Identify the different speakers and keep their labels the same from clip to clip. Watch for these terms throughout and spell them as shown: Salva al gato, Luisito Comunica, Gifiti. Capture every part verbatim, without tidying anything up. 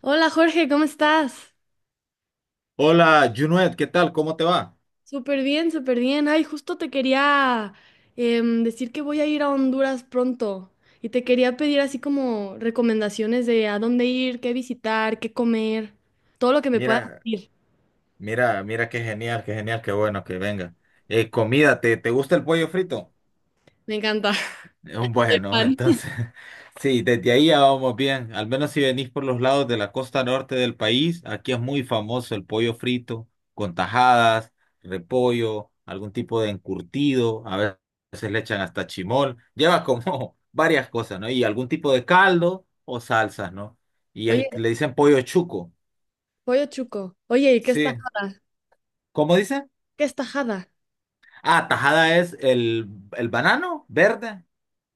Speaker 1: Hola Jorge, ¿cómo estás?
Speaker 2: Hola, Junuet, ¿qué tal? ¿Cómo te va?
Speaker 1: Súper bien, súper bien. Ay, justo te quería em, decir que voy a ir a Honduras pronto y te quería pedir así como recomendaciones de a dónde ir, qué visitar, qué comer, todo lo que me puedas
Speaker 2: Mira,
Speaker 1: decir.
Speaker 2: mira, mira qué genial, qué genial, qué bueno que venga. Eh, comida, ¿te, te gusta el pollo frito?
Speaker 1: Me encanta.
Speaker 2: Eh,
Speaker 1: Soy
Speaker 2: Bueno,
Speaker 1: fan.
Speaker 2: entonces, sí, desde ahí ya vamos bien. Al menos si venís por los lados de la costa norte del país, aquí es muy famoso el pollo frito, con tajadas, repollo, algún tipo de encurtido, a veces le echan hasta chimol, lleva como varias cosas, ¿no? Y algún tipo de caldo o salsas, ¿no？ Y es-
Speaker 1: Oye,
Speaker 2: le dicen pollo chuco.
Speaker 1: pollo chuco. Oye, ¿y qué es
Speaker 2: Sí.
Speaker 1: tajada?
Speaker 2: ¿Cómo dice?
Speaker 1: ¿Qué es tajada?
Speaker 2: Ah, tajada es el, el banano verde.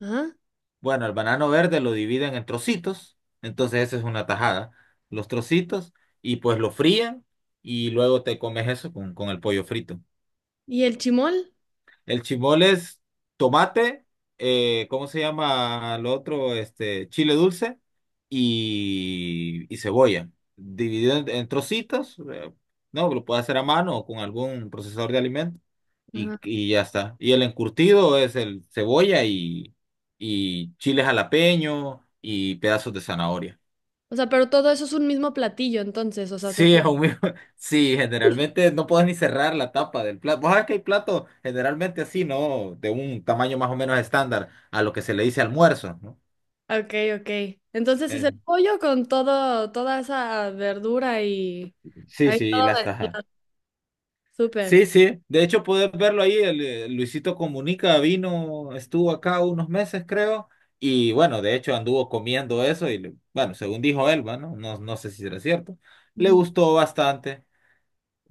Speaker 1: Ajá.
Speaker 2: Bueno, el banano verde lo dividen en trocitos, entonces esa es una tajada. Los trocitos y pues lo fríen y luego te comes eso con, con el pollo frito.
Speaker 1: ¿Y el chimol?
Speaker 2: El chimol es tomate, eh, ¿cómo se llama lo otro? Este, chile dulce y, y cebolla. Dividido en, en trocitos, eh, no, lo puedes hacer a mano o con algún procesador de alimentos. Y,
Speaker 1: Ajá.
Speaker 2: y ya está. Y el encurtido es el cebolla y, y chile jalapeño y pedazos de zanahoria.
Speaker 1: O sea, pero todo eso es un mismo platillo, entonces, o sea, se...
Speaker 2: Sí, es un mismo- Sí, generalmente no puedes ni cerrar la tapa del plato. Vos sabés que hay platos generalmente así, ¿no? De un tamaño más o menos estándar a lo que se le dice almuerzo, ¿no?
Speaker 1: Ok, ok. Entonces es el
Speaker 2: Eh,
Speaker 1: pollo con todo, toda esa verdura y
Speaker 2: sí,
Speaker 1: ahí
Speaker 2: sí, y
Speaker 1: todo
Speaker 2: las tajas.
Speaker 1: mezclado. Súper.
Speaker 2: Sí, sí. De hecho, puedes verlo ahí. El, eh, Luisito Comunica vino, estuvo acá unos meses, creo. Y bueno, de hecho anduvo comiendo eso y le- bueno, según dijo él, bueno, no, no sé si será cierto. Le
Speaker 1: Ujú.
Speaker 2: gustó bastante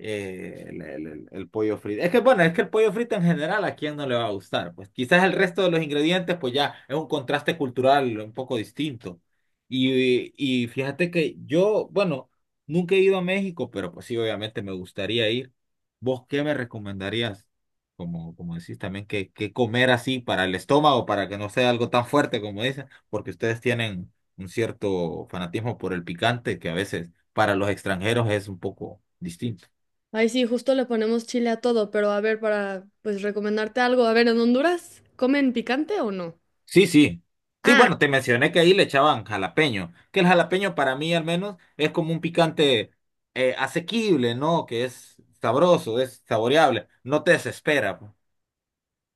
Speaker 2: eh, el, el- el- pollo frito. Es que bueno, es que el pollo frito en general a quién no le va a gustar. Pues quizás el resto de los ingredientes, pues ya es un contraste cultural un poco distinto. Y, y fíjate que yo, bueno, nunca he ido a México, pero pues sí, obviamente me gustaría ir. ¿Vos qué me recomendarías? Como, como decís también, que, que comer así para el estómago, para que no sea algo tan fuerte como dicen, porque ustedes tienen un cierto fanatismo por el picante que a veces para los extranjeros es un poco distinto.
Speaker 1: Ay, sí, justo le ponemos chile a todo, pero a ver, para pues recomendarte algo. A ver, ¿en Honduras comen picante o no?
Speaker 2: Sí, sí. Sí,
Speaker 1: Ah,
Speaker 2: bueno, te mencioné que ahí le echaban jalapeño, que el jalapeño para mí al menos es como un picante eh, asequible, ¿no? Que es sabroso, es saboreable, no te desespera, pues.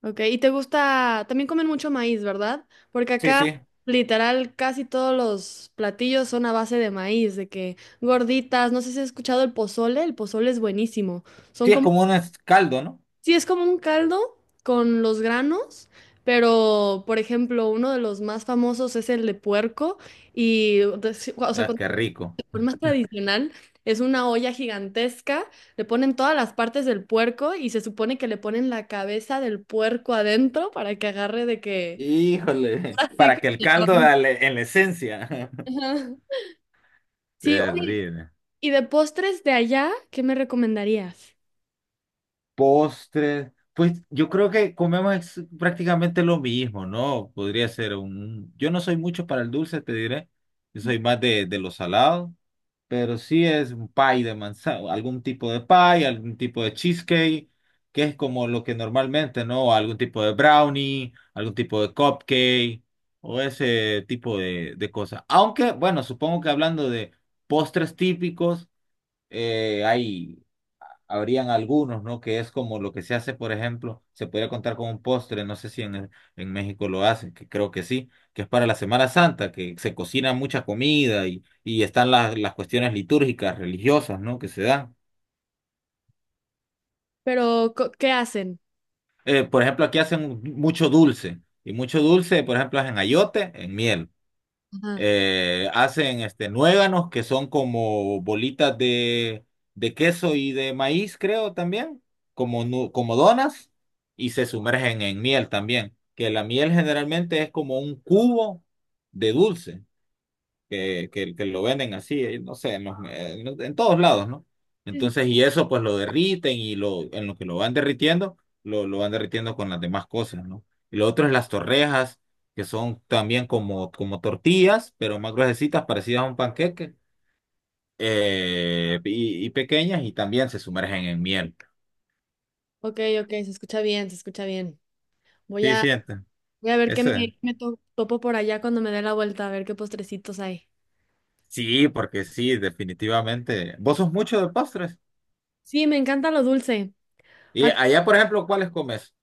Speaker 1: ok. Y te gusta, también comen mucho maíz, ¿verdad? Porque
Speaker 2: Sí,
Speaker 1: acá,
Speaker 2: sí.
Speaker 1: literal, casi todos los platillos son a base de maíz, de que gorditas, no sé si has escuchado el pozole, el pozole es buenísimo. Son
Speaker 2: Sí, es
Speaker 1: como
Speaker 2: como un es- caldo, ¿no?
Speaker 1: sí, es como un caldo con los granos, pero por ejemplo, uno de los más famosos es el de puerco y, de- sí, o sea,
Speaker 2: Ah,
Speaker 1: con
Speaker 2: qué rico.
Speaker 1: con más tradicional es una olla gigantesca, le ponen todas las partes del puerco y se supone que le ponen la cabeza del puerco adentro para que agarre de que
Speaker 2: Híjole,
Speaker 1: así
Speaker 2: para que el caldo
Speaker 1: como-
Speaker 2: dale en la esencia.
Speaker 1: Ajá. Sí, oye,
Speaker 2: Terrible.
Speaker 1: y de postres de allá, ¿qué me recomendarías?
Speaker 2: Postres. Pues yo creo que comemos ex- prácticamente lo mismo, ¿no? Podría ser un… Yo no soy mucho para el dulce, te diré. Yo soy más de, de lo salado, pero sí, es un pie de manzana, algún tipo de pie, algún tipo de cheesecake, que es como lo que normalmente, ¿no? Algún tipo de brownie, algún tipo de cupcake o ese tipo de, de cosas. Aunque, bueno, supongo que hablando de postres típicos, eh, hay habrían algunos, ¿no? Que es como lo que se hace, por ejemplo, se podría contar con un postre, no sé si en, en México lo hacen, que creo que sí, que es para la Semana Santa, que se cocina mucha comida y, y están las, las cuestiones litúrgicas, religiosas, ¿no? Que se dan.
Speaker 1: Pero, co- ¿qué hacen?
Speaker 2: Eh, por ejemplo, aquí hacen mucho dulce, y mucho dulce, por ejemplo, hacen ayote en miel.
Speaker 1: Ajá.
Speaker 2: Eh, hacen este, nuéganos, que son como bolitas de, de queso y de maíz, creo también, como, nu- como donas, y se sumergen en miel también, que la miel generalmente es como un cubo de dulce que, que, que lo venden así, eh, no sé, en, los- en los- en todos lados, ¿no?
Speaker 1: Sí, sí.
Speaker 2: Entonces, y eso pues lo derriten y lo, en lo que lo van derritiendo, lo, lo van derritiendo con las demás cosas, ¿no? Y lo otro es las torrejas, que son también como, como tortillas, pero más gruesecitas, parecidas a un panqueque, eh, y, y pequeñas, y también se sumergen en miel.
Speaker 1: Ok, ok, se escucha bien, se escucha bien. Voy
Speaker 2: Sí,
Speaker 1: a
Speaker 2: sienten.
Speaker 1: Voy a ver qué me,
Speaker 2: Ese.
Speaker 1: qué me to- topo por allá cuando me dé la vuelta, a ver qué postrecitos hay.
Speaker 2: Sí, porque sí, definitivamente. ¿Vos sos mucho de postres?
Speaker 1: Sí, me encanta lo dulce.
Speaker 2: Y
Speaker 1: Ac-
Speaker 2: allá, por ejemplo, ¿cuáles comes?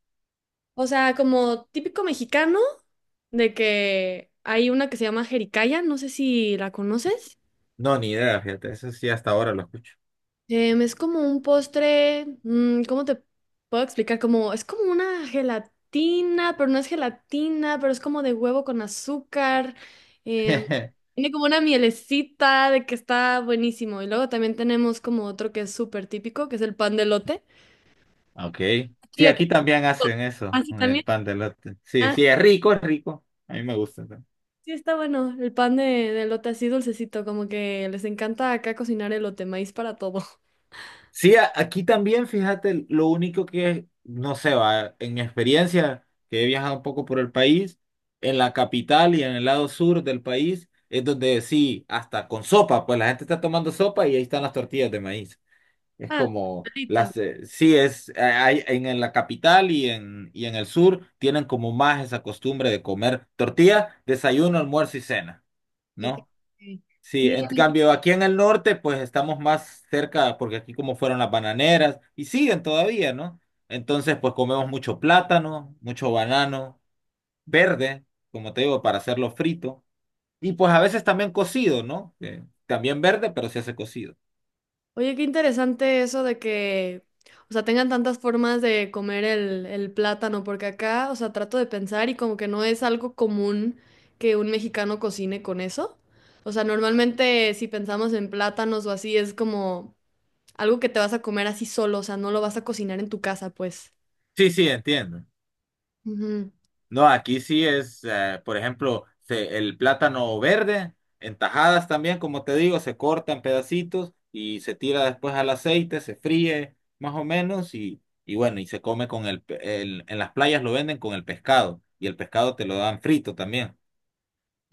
Speaker 1: o sea, como típico mexicano, de que hay una que se llama jericaya, no sé si la conoces.
Speaker 2: No, ni idea, fíjate, eso sí hasta ahora lo escucho.
Speaker 1: Em, es como un postre, mm, ¿cómo te puedo explicar? Como, es como una gelatina, pero no es gelatina, pero es como de huevo con azúcar. em, Tiene como una mielecita de que está buenísimo. Y luego también tenemos como otro que es súper típico, que es el pan de lote.
Speaker 2: Ok.
Speaker 1: Sí,
Speaker 2: Sí,
Speaker 1: aquí.
Speaker 2: aquí también hacen eso,
Speaker 1: Así
Speaker 2: el
Speaker 1: también.
Speaker 2: pan de elote. Sí,
Speaker 1: Ah,
Speaker 2: sí, es rico, es rico. A mí me gusta también.
Speaker 1: sí, está bueno. El pan de, de elote así dulcecito, como que les encanta acá cocinar elote, maíz para todo.
Speaker 2: Sí, a- aquí también, fíjate, lo único que, no sé, va, en mi experiencia, que he viajado un poco por el país, en la capital y en el lado sur del país, es donde sí, hasta con sopa, pues la gente está tomando sopa y ahí están las tortillas de maíz. Es
Speaker 1: Ah,
Speaker 2: como
Speaker 1: palitos.
Speaker 2: las eh, sí es eh, hay en, en la capital y en y en el sur tienen como más esa costumbre de comer tortilla, desayuno, almuerzo y cena,
Speaker 1: Ok.
Speaker 2: ¿no? Sí,
Speaker 1: Sí.
Speaker 2: en cambio aquí en el norte pues estamos más cerca porque aquí como fueron las bananeras y siguen todavía, ¿no? Entonces pues comemos mucho plátano, mucho banano verde, como te digo, para hacerlo frito y pues a veces también cocido, ¿no? Eh, también verde, pero se hace cocido.
Speaker 1: Oye, qué interesante eso de que, o sea, tengan tantas formas de comer el, el plátano, porque acá, o sea, trato de pensar y como que no es algo común que un mexicano cocine con eso. O sea, normalmente si pensamos en plátanos o así, es como algo que te vas a comer así solo, o sea, no lo vas a cocinar en tu casa, pues.
Speaker 2: Sí, sí, entiendo.
Speaker 1: Ujú,
Speaker 2: No, aquí sí es, eh, por ejemplo, se- el plátano verde, en tajadas también, como te digo, se corta en pedacitos y se tira después al aceite, se fríe más o menos y, y bueno, y se come con el, pe- el- en las playas lo venden con el pescado y el pescado te lo dan frito también.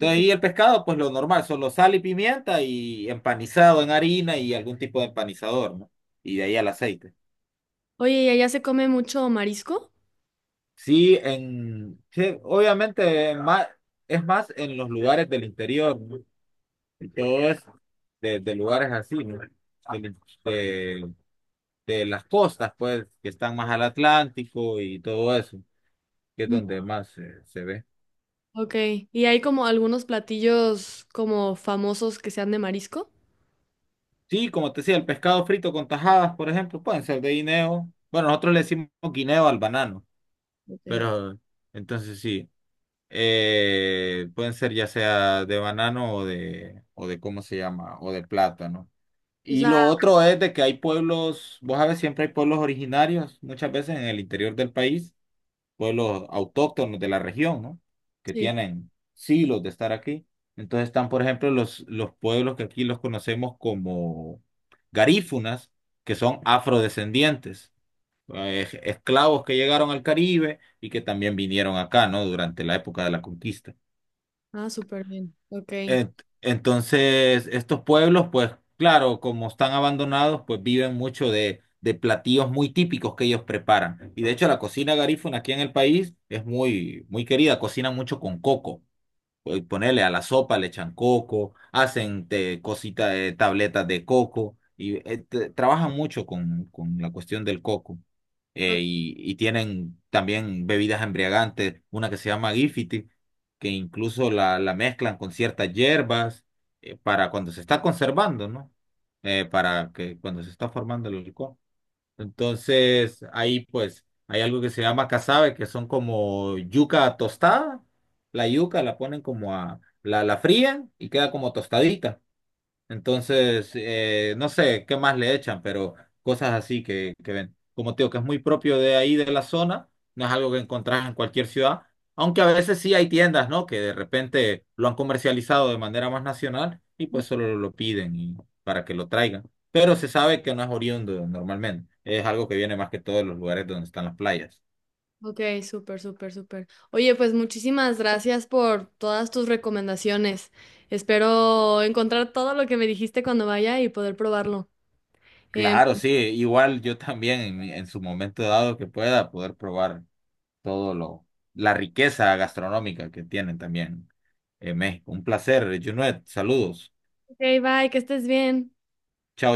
Speaker 1: ok.
Speaker 2: y el pescado, pues lo normal, solo sal y pimienta y empanizado en harina y algún tipo de empanizador, ¿no? Y de ahí al aceite.
Speaker 1: Oye, ¿y allá se come mucho marisco?
Speaker 2: Sí, en, sí, obviamente más, es más en los lugares del interior, ¿no? Y todo es de, de lugares así, ¿no? Del- De, de las costas, pues, que están más al Atlántico y todo eso, que es
Speaker 1: Mm.
Speaker 2: donde más eh, se ve.
Speaker 1: Ok. ¿Y hay como algunos platillos como famosos que sean de marisco?
Speaker 2: Sí, como te decía, el pescado frito con tajadas, por ejemplo, pueden ser de guineo. Bueno, nosotros le decimos guineo al banano,
Speaker 1: Ok.
Speaker 2: pero entonces sí, eh, pueden ser ya sea de banano o de, o de, ¿cómo se llama? O de plátano.
Speaker 1: O
Speaker 2: Y
Speaker 1: sea,
Speaker 2: lo otro es de que hay pueblos, vos sabes, siempre hay pueblos originarios, muchas veces en el interior del país, pueblos autóctonos de la región, ¿no? Que
Speaker 1: sí.
Speaker 2: tienen siglos de estar aquí. Entonces están, por ejemplo, los, los pueblos que aquí los conocemos como garífunas, que son afrodescendientes, eh, esclavos que llegaron al Caribe y que también vinieron acá, ¿no? Durante la época de la conquista.
Speaker 1: Ah, súper bien. Ok.
Speaker 2: Ent- Entonces, estos pueblos, pues claro, como están abandonados, pues viven mucho de, de platillos muy típicos que ellos preparan. Y de hecho, la cocina garífuna aquí en el país es muy, muy querida, cocinan mucho con coco, eh, ponerle a la sopa, le echan coco, hacen te- cositas, de tabletas de coco, y eh, te- trabajan mucho con, con la cuestión del coco.
Speaker 1: O-
Speaker 2: Eh, y, y tienen también bebidas embriagantes, una que se llama Gifiti, que incluso la, la mezclan con ciertas hierbas, eh, para cuando se está conservando, ¿no? Eh, para que cuando se está formando el licor. Entonces, ahí pues hay algo que se llama casabe, que son como yuca tostada. La yuca la ponen como a, la, la frían y queda como tostadita. Entonces, eh, no sé qué más le echan, pero cosas así que, que ven. Como te digo, que es muy propio de ahí, de la zona, no es algo que encontrás en cualquier ciudad, aunque a veces sí hay tiendas, ¿no? Que de repente lo han comercializado de manera más nacional y pues solo lo piden y- para que lo traigan. Pero se sabe que no es oriundo normalmente, es algo que viene más que todo de los lugares donde están las playas.
Speaker 1: Ok, súper, súper, súper. Oye, pues muchísimas gracias por todas tus recomendaciones. Espero encontrar todo lo que me dijiste cuando vaya y poder probarlo. Em,
Speaker 2: Claro, sí, igual yo también en, en su momento dado que pueda poder probar todo lo, la riqueza gastronómica que tienen también en México. Un placer, Junet. Saludos.
Speaker 1: ok, bye, que estés bien.
Speaker 2: Chao.